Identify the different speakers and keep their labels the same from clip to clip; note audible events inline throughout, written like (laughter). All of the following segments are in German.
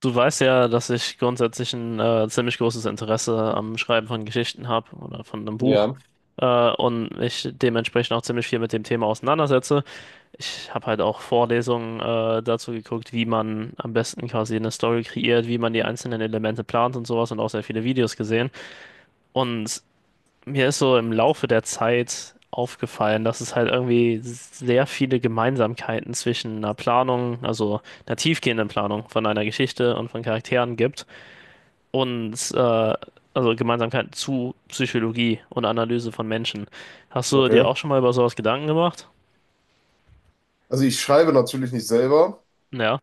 Speaker 1: Du weißt ja, dass ich grundsätzlich ein ziemlich großes Interesse am Schreiben von Geschichten habe oder von einem Buch
Speaker 2: Ja,
Speaker 1: äh, und mich dementsprechend auch ziemlich viel mit dem Thema auseinandersetze. Ich habe halt auch Vorlesungen dazu geguckt, wie man am besten quasi eine Story kreiert, wie man die einzelnen Elemente plant und sowas, und auch sehr viele Videos gesehen. Und mir ist so im Laufe der Zeit aufgefallen, dass es halt irgendwie sehr viele Gemeinsamkeiten zwischen einer Planung, also einer tiefgehenden Planung von einer Geschichte und von Charakteren gibt und äh, also Gemeinsamkeiten zu Psychologie und Analyse von Menschen. Hast du dir
Speaker 2: okay.
Speaker 1: auch schon mal über sowas Gedanken gemacht?
Speaker 2: Also ich schreibe natürlich nicht selber.
Speaker 1: Ja,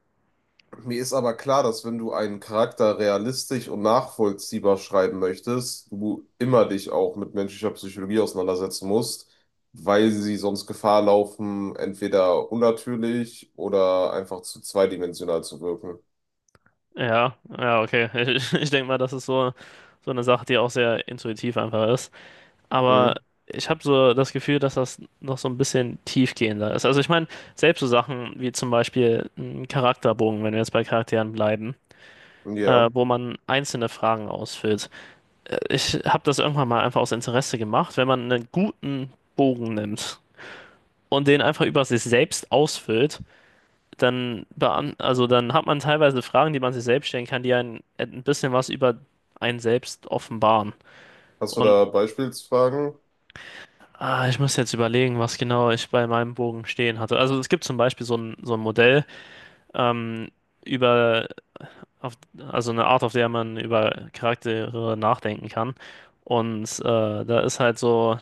Speaker 2: Mir ist aber klar, dass wenn du einen Charakter realistisch und nachvollziehbar schreiben möchtest, du immer dich auch mit menschlicher Psychologie auseinandersetzen musst, weil sie sonst Gefahr laufen, entweder unnatürlich oder einfach zu zweidimensional zu wirken.
Speaker 1: ja, ja, okay. (laughs) Ich denke mal, das ist so, so eine Sache, die auch sehr intuitiv einfach ist. Aber
Speaker 2: Mhm.
Speaker 1: ich habe so das Gefühl, dass das noch so ein bisschen tiefgehender ist. Also ich meine, selbst so Sachen wie zum Beispiel ein Charakterbogen, wenn wir jetzt bei Charakteren bleiben,
Speaker 2: Ja.
Speaker 1: wo man einzelne Fragen ausfüllt. Ich habe das irgendwann mal einfach aus Interesse gemacht: wenn man einen guten Bogen nimmt und den einfach über sich selbst ausfüllt, dann, beant also dann hat man teilweise Fragen, die man sich selbst stellen kann, die einen ein bisschen was über einen selbst offenbaren.
Speaker 2: Hast du
Speaker 1: Und
Speaker 2: da Beispielsfragen?
Speaker 1: ich muss jetzt überlegen, was genau ich bei meinem Bogen stehen hatte. Also es gibt zum Beispiel so ein Modell ähm, über, auf, also eine Art, auf der man über Charaktere nachdenken kann. Und da ist halt so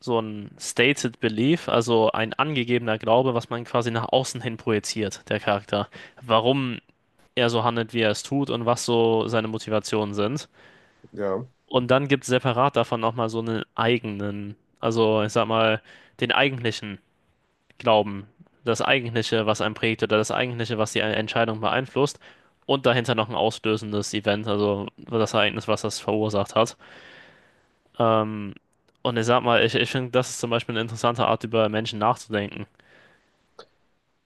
Speaker 1: so ein stated belief, also ein angegebener Glaube, was man quasi nach außen hin projiziert, der Charakter. Warum er so handelt, wie er es tut, und was so seine Motivationen sind.
Speaker 2: Ja.
Speaker 1: Und dann gibt es separat davon nochmal so einen eigenen, also ich sag mal, den eigentlichen Glauben, das eigentliche, was einen prägt, oder das eigentliche, was die Entscheidung beeinflusst. Und dahinter noch ein auslösendes Event, also das Ereignis, was das verursacht hat. Ähm, und ich sag mal, ich finde, das ist zum Beispiel eine interessante Art, über Menschen nachzudenken.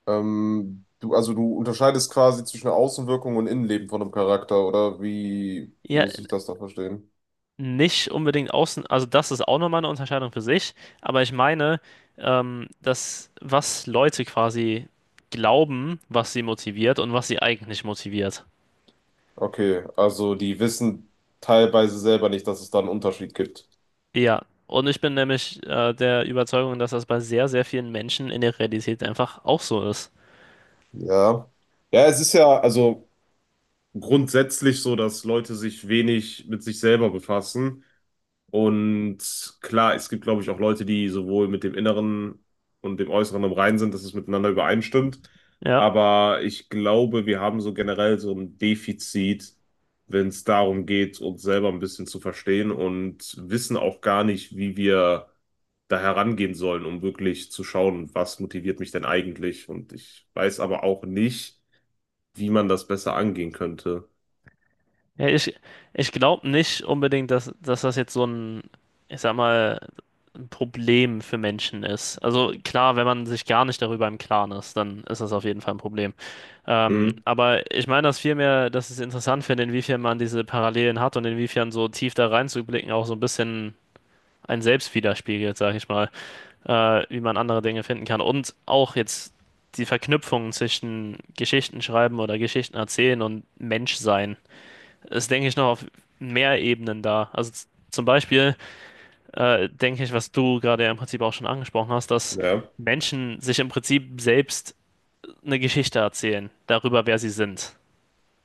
Speaker 2: Also du unterscheidest quasi zwischen Außenwirkung und Innenleben von einem Charakter, oder wie
Speaker 1: Ja,
Speaker 2: muss ich das da verstehen?
Speaker 1: nicht unbedingt außen, also das ist auch nochmal eine Unterscheidung für sich, aber ich meine, dass, was Leute quasi glauben, was sie motiviert, und was sie eigentlich motiviert.
Speaker 2: Okay, also die wissen teilweise selber nicht, dass es da einen Unterschied gibt.
Speaker 1: Ja, und ich bin nämlich der Überzeugung, dass das bei sehr, sehr vielen Menschen in der Realität einfach auch so ist.
Speaker 2: Ja. Ja, es ist ja also grundsätzlich so, dass Leute sich wenig mit sich selber befassen. Und klar, es gibt, glaube ich, auch Leute, die sowohl mit dem Inneren und dem Äußeren im Reinen sind, dass es miteinander übereinstimmt.
Speaker 1: Ja,
Speaker 2: Aber ich glaube, wir haben so generell so ein Defizit, wenn es darum geht, uns selber ein bisschen zu verstehen und wissen auch gar nicht, wie wir da herangehen sollen, um wirklich zu schauen, was motiviert mich denn eigentlich. Und ich weiß aber auch nicht, wie man das besser angehen könnte.
Speaker 1: ja, ich glaube nicht unbedingt, dass das jetzt so ein, ich sag mal, Problem für Menschen ist. Also klar, wenn man sich gar nicht darüber im Klaren ist, dann ist das auf jeden Fall ein Problem. Ähm,
Speaker 2: Hm.
Speaker 1: aber ich meine das vielmehr, dass ich es interessant finde, inwiefern man diese Parallelen hat, und inwiefern so tief da reinzublicken auch so ein bisschen ein Selbst widerspiegelt, sage ich mal, wie man andere Dinge finden kann. Und auch jetzt die Verknüpfungen zwischen Geschichten schreiben oder Geschichten erzählen und Menschsein ist, denke ich, noch auf mehr Ebenen da. Also zum Beispiel denke ich, was du gerade ja im Prinzip auch schon angesprochen hast, dass
Speaker 2: Ja.
Speaker 1: Menschen sich im Prinzip selbst eine Geschichte erzählen darüber, wer sie sind.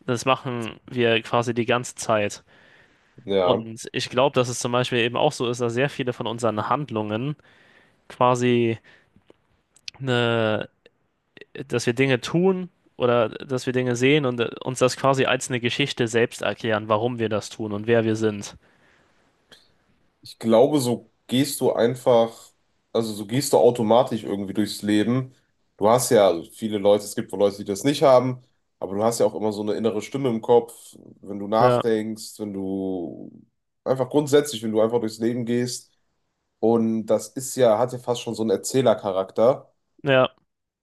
Speaker 1: Das machen wir quasi die ganze Zeit.
Speaker 2: Ja.
Speaker 1: Und ich glaube, dass es zum Beispiel eben auch so ist, dass sehr viele von unseren Handlungen quasi eine, dass wir Dinge tun oder dass wir Dinge sehen und uns das quasi als eine Geschichte selbst erklären, warum wir das tun und wer wir sind.
Speaker 2: Ich glaube, so gehst du einfach, also so gehst du automatisch irgendwie durchs Leben. Du hast ja, also viele Leute, es gibt wohl Leute, die das nicht haben, aber du hast ja auch immer so eine innere Stimme im Kopf, wenn du
Speaker 1: Ja,
Speaker 2: nachdenkst, wenn du einfach grundsätzlich, wenn du einfach durchs Leben gehst. Und das ist ja, hat ja fast schon so einen Erzählercharakter.
Speaker 1: ja,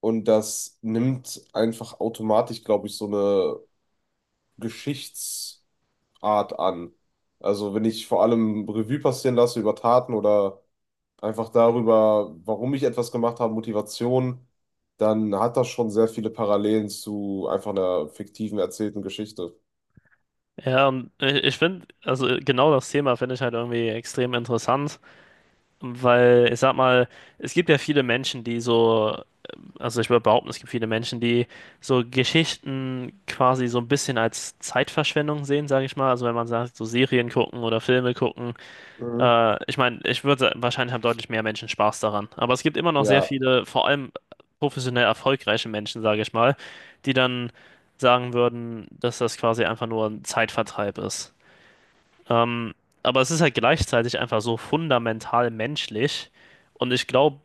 Speaker 2: Und das nimmt einfach automatisch, glaube ich, so eine Geschichtsart an. Also wenn ich vor allem Revue passieren lasse über Taten oder einfach darüber, warum ich etwas gemacht habe, Motivation, dann hat das schon sehr viele Parallelen zu einfach einer fiktiven erzählten Geschichte.
Speaker 1: ja, und ich finde, also genau das Thema finde ich halt irgendwie extrem interessant. Weil, ich sag mal, es gibt ja viele Menschen, die so, also ich würde behaupten, es gibt viele Menschen, die so Geschichten quasi so ein bisschen als Zeitverschwendung sehen, sage ich mal. Also wenn man sagt, so Serien gucken oder Filme gucken.
Speaker 2: Mhm.
Speaker 1: Ich meine, ich würde wahrscheinlich haben deutlich mehr Menschen Spaß daran. Aber es gibt immer noch sehr
Speaker 2: Ja,
Speaker 1: viele, vor allem professionell erfolgreiche Menschen, sage ich mal, die dann sagen würden, dass das quasi einfach nur ein Zeitvertreib ist. Ähm, aber es ist halt gleichzeitig einfach so fundamental menschlich. Und ich glaube,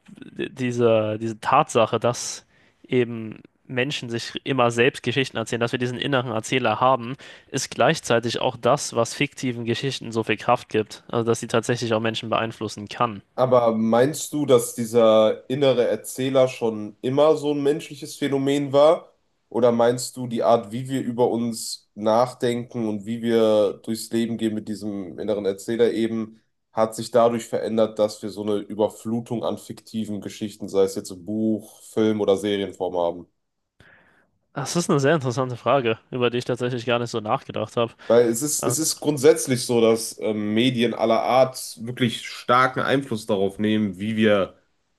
Speaker 1: diese Tatsache, dass eben Menschen sich immer selbst Geschichten erzählen, dass wir diesen inneren Erzähler haben, ist gleichzeitig auch das, was fiktiven Geschichten so viel Kraft gibt. Also, dass sie tatsächlich auch Menschen beeinflussen kann.
Speaker 2: aber meinst du, dass dieser innere Erzähler schon immer so ein menschliches Phänomen war? Oder meinst du, die Art, wie wir über uns nachdenken und wie wir durchs Leben gehen mit diesem inneren Erzähler eben, hat sich dadurch verändert, dass wir so eine Überflutung an fiktiven Geschichten, sei es jetzt im Buch, Film oder Serienform haben?
Speaker 1: Das ist eine sehr interessante Frage, über die ich tatsächlich gar nicht so nachgedacht habe.
Speaker 2: Weil es ist grundsätzlich so, dass Medien aller Art wirklich starken Einfluss darauf nehmen, wie wir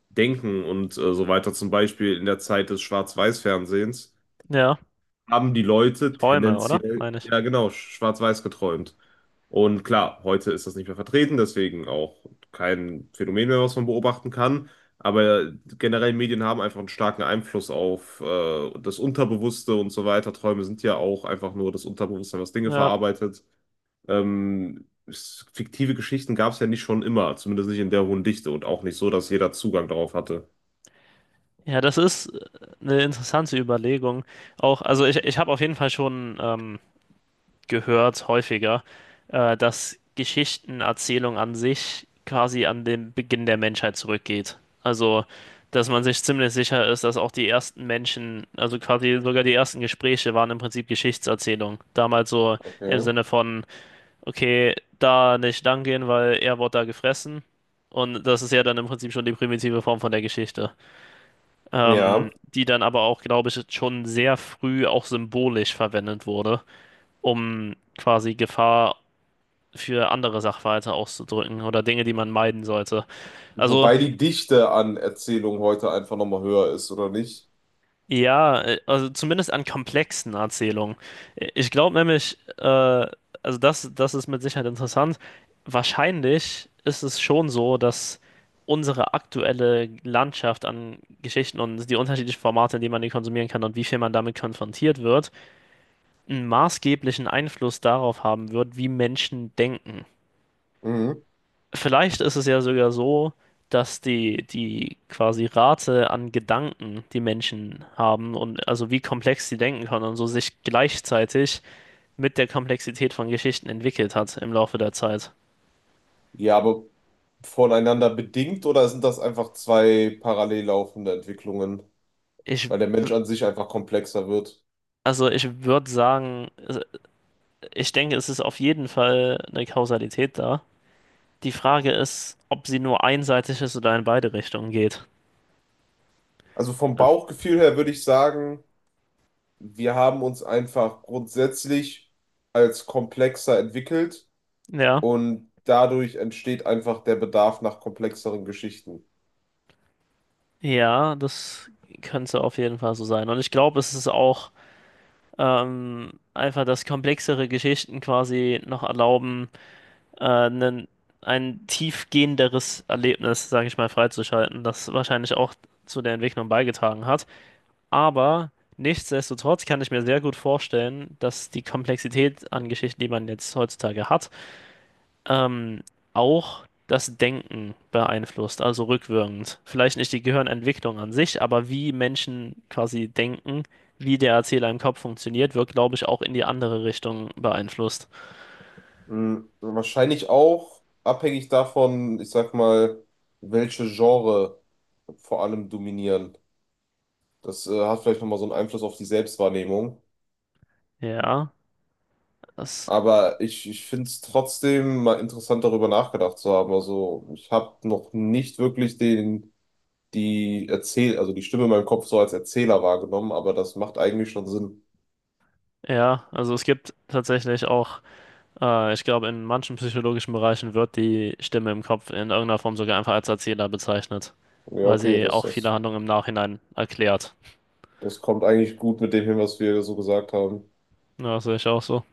Speaker 2: denken und so weiter. Zum Beispiel in der Zeit des Schwarz-Weiß-Fernsehens
Speaker 1: Ja,
Speaker 2: haben die Leute
Speaker 1: Träume, oder?
Speaker 2: tendenziell,
Speaker 1: Meine ich.
Speaker 2: ja genau, schwarz-weiß geträumt. Und klar, heute ist das nicht mehr vertreten, deswegen auch kein Phänomen mehr, was man beobachten kann. Aber generell Medien haben einfach einen starken Einfluss auf das Unterbewusste und so weiter. Träume sind ja auch einfach nur das Unterbewusstsein, was Dinge
Speaker 1: Ja.
Speaker 2: verarbeitet. Fiktive Geschichten gab es ja nicht schon immer, zumindest nicht in der hohen Dichte und auch nicht so, dass jeder Zugang darauf hatte.
Speaker 1: Ja, das ist eine interessante Überlegung. Auch, also ich habe auf jeden Fall schon gehört, häufiger, dass Geschichtenerzählung an sich quasi an den Beginn der Menschheit zurückgeht. Also, dass man sich ziemlich sicher ist, dass auch die ersten Menschen, also quasi sogar die ersten Gespräche waren im Prinzip Geschichtserzählung. Damals so im
Speaker 2: Okay.
Speaker 1: Sinne von, okay, da nicht lang gehen, weil er wurde da gefressen. Und das ist ja dann im Prinzip schon die primitive Form von der Geschichte,
Speaker 2: Ja.
Speaker 1: die dann aber auch, glaube ich, schon sehr früh auch symbolisch verwendet wurde, um quasi Gefahr für andere Sachverhalte auszudrücken oder Dinge, die man meiden sollte. Also
Speaker 2: Wobei die Dichte an Erzählungen heute einfach nochmal höher ist, oder nicht?
Speaker 1: ja, also zumindest an komplexen Erzählungen. Ich glaube nämlich, also das ist mit Sicherheit interessant. Wahrscheinlich ist es schon so, dass unsere aktuelle Landschaft an Geschichten und die unterschiedlichen Formate, in denen man die konsumieren kann und wie viel man damit konfrontiert wird, einen maßgeblichen Einfluss darauf haben wird, wie Menschen denken.
Speaker 2: Mhm.
Speaker 1: Vielleicht ist es ja sogar so, dass die quasi Rate an Gedanken, die Menschen haben und also wie komplex sie denken können und so, sich gleichzeitig mit der Komplexität von Geschichten entwickelt hat im Laufe der Zeit.
Speaker 2: Ja, aber voneinander bedingt oder sind das einfach zwei parallel laufende Entwicklungen?
Speaker 1: Ich,
Speaker 2: Weil der Mensch an sich einfach komplexer wird.
Speaker 1: also ich würde sagen, also ich denke, es ist auf jeden Fall eine Kausalität da. Die Frage ist, ob sie nur einseitig ist oder in beide Richtungen geht.
Speaker 2: Also vom Bauchgefühl her würde ich sagen, wir haben uns einfach grundsätzlich als komplexer entwickelt.
Speaker 1: Ja.
Speaker 2: Und dadurch entsteht einfach der Bedarf nach komplexeren Geschichten.
Speaker 1: Ja, das könnte auf jeden Fall so sein. Und ich glaube, es ist auch einfach, dass komplexere Geschichten quasi noch erlauben, äh, nen- ein tiefgehenderes Erlebnis, sage ich mal, freizuschalten, das wahrscheinlich auch zu der Entwicklung beigetragen hat. Aber nichtsdestotrotz kann ich mir sehr gut vorstellen, dass die Komplexität an Geschichten, die man jetzt heutzutage hat, ähm, auch das Denken beeinflusst, also rückwirkend. Vielleicht nicht die Gehirnentwicklung an sich, aber wie Menschen quasi denken, wie der Erzähler im Kopf funktioniert, wird, glaube ich, auch in die andere Richtung beeinflusst.
Speaker 2: Mhm. Wahrscheinlich auch abhängig davon, ich sag mal, welche Genre vor allem dominieren. Das hat vielleicht nochmal so einen Einfluss auf die Selbstwahrnehmung.
Speaker 1: Ja, das,
Speaker 2: Aber ich finde es trotzdem mal interessant, darüber nachgedacht zu haben. Also ich habe noch nicht wirklich also die Stimme in meinem Kopf so als Erzähler wahrgenommen, aber das macht eigentlich schon Sinn.
Speaker 1: ja, also es gibt tatsächlich auch, ich glaube, in manchen psychologischen Bereichen wird die Stimme im Kopf in irgendeiner Form sogar einfach als Erzähler bezeichnet,
Speaker 2: Ja,
Speaker 1: weil
Speaker 2: okay,
Speaker 1: sie auch viele
Speaker 2: das
Speaker 1: Handlungen im Nachhinein erklärt.
Speaker 2: Das kommt eigentlich gut mit dem hin, was wir so gesagt haben.
Speaker 1: Ja, das sehe ich auch so.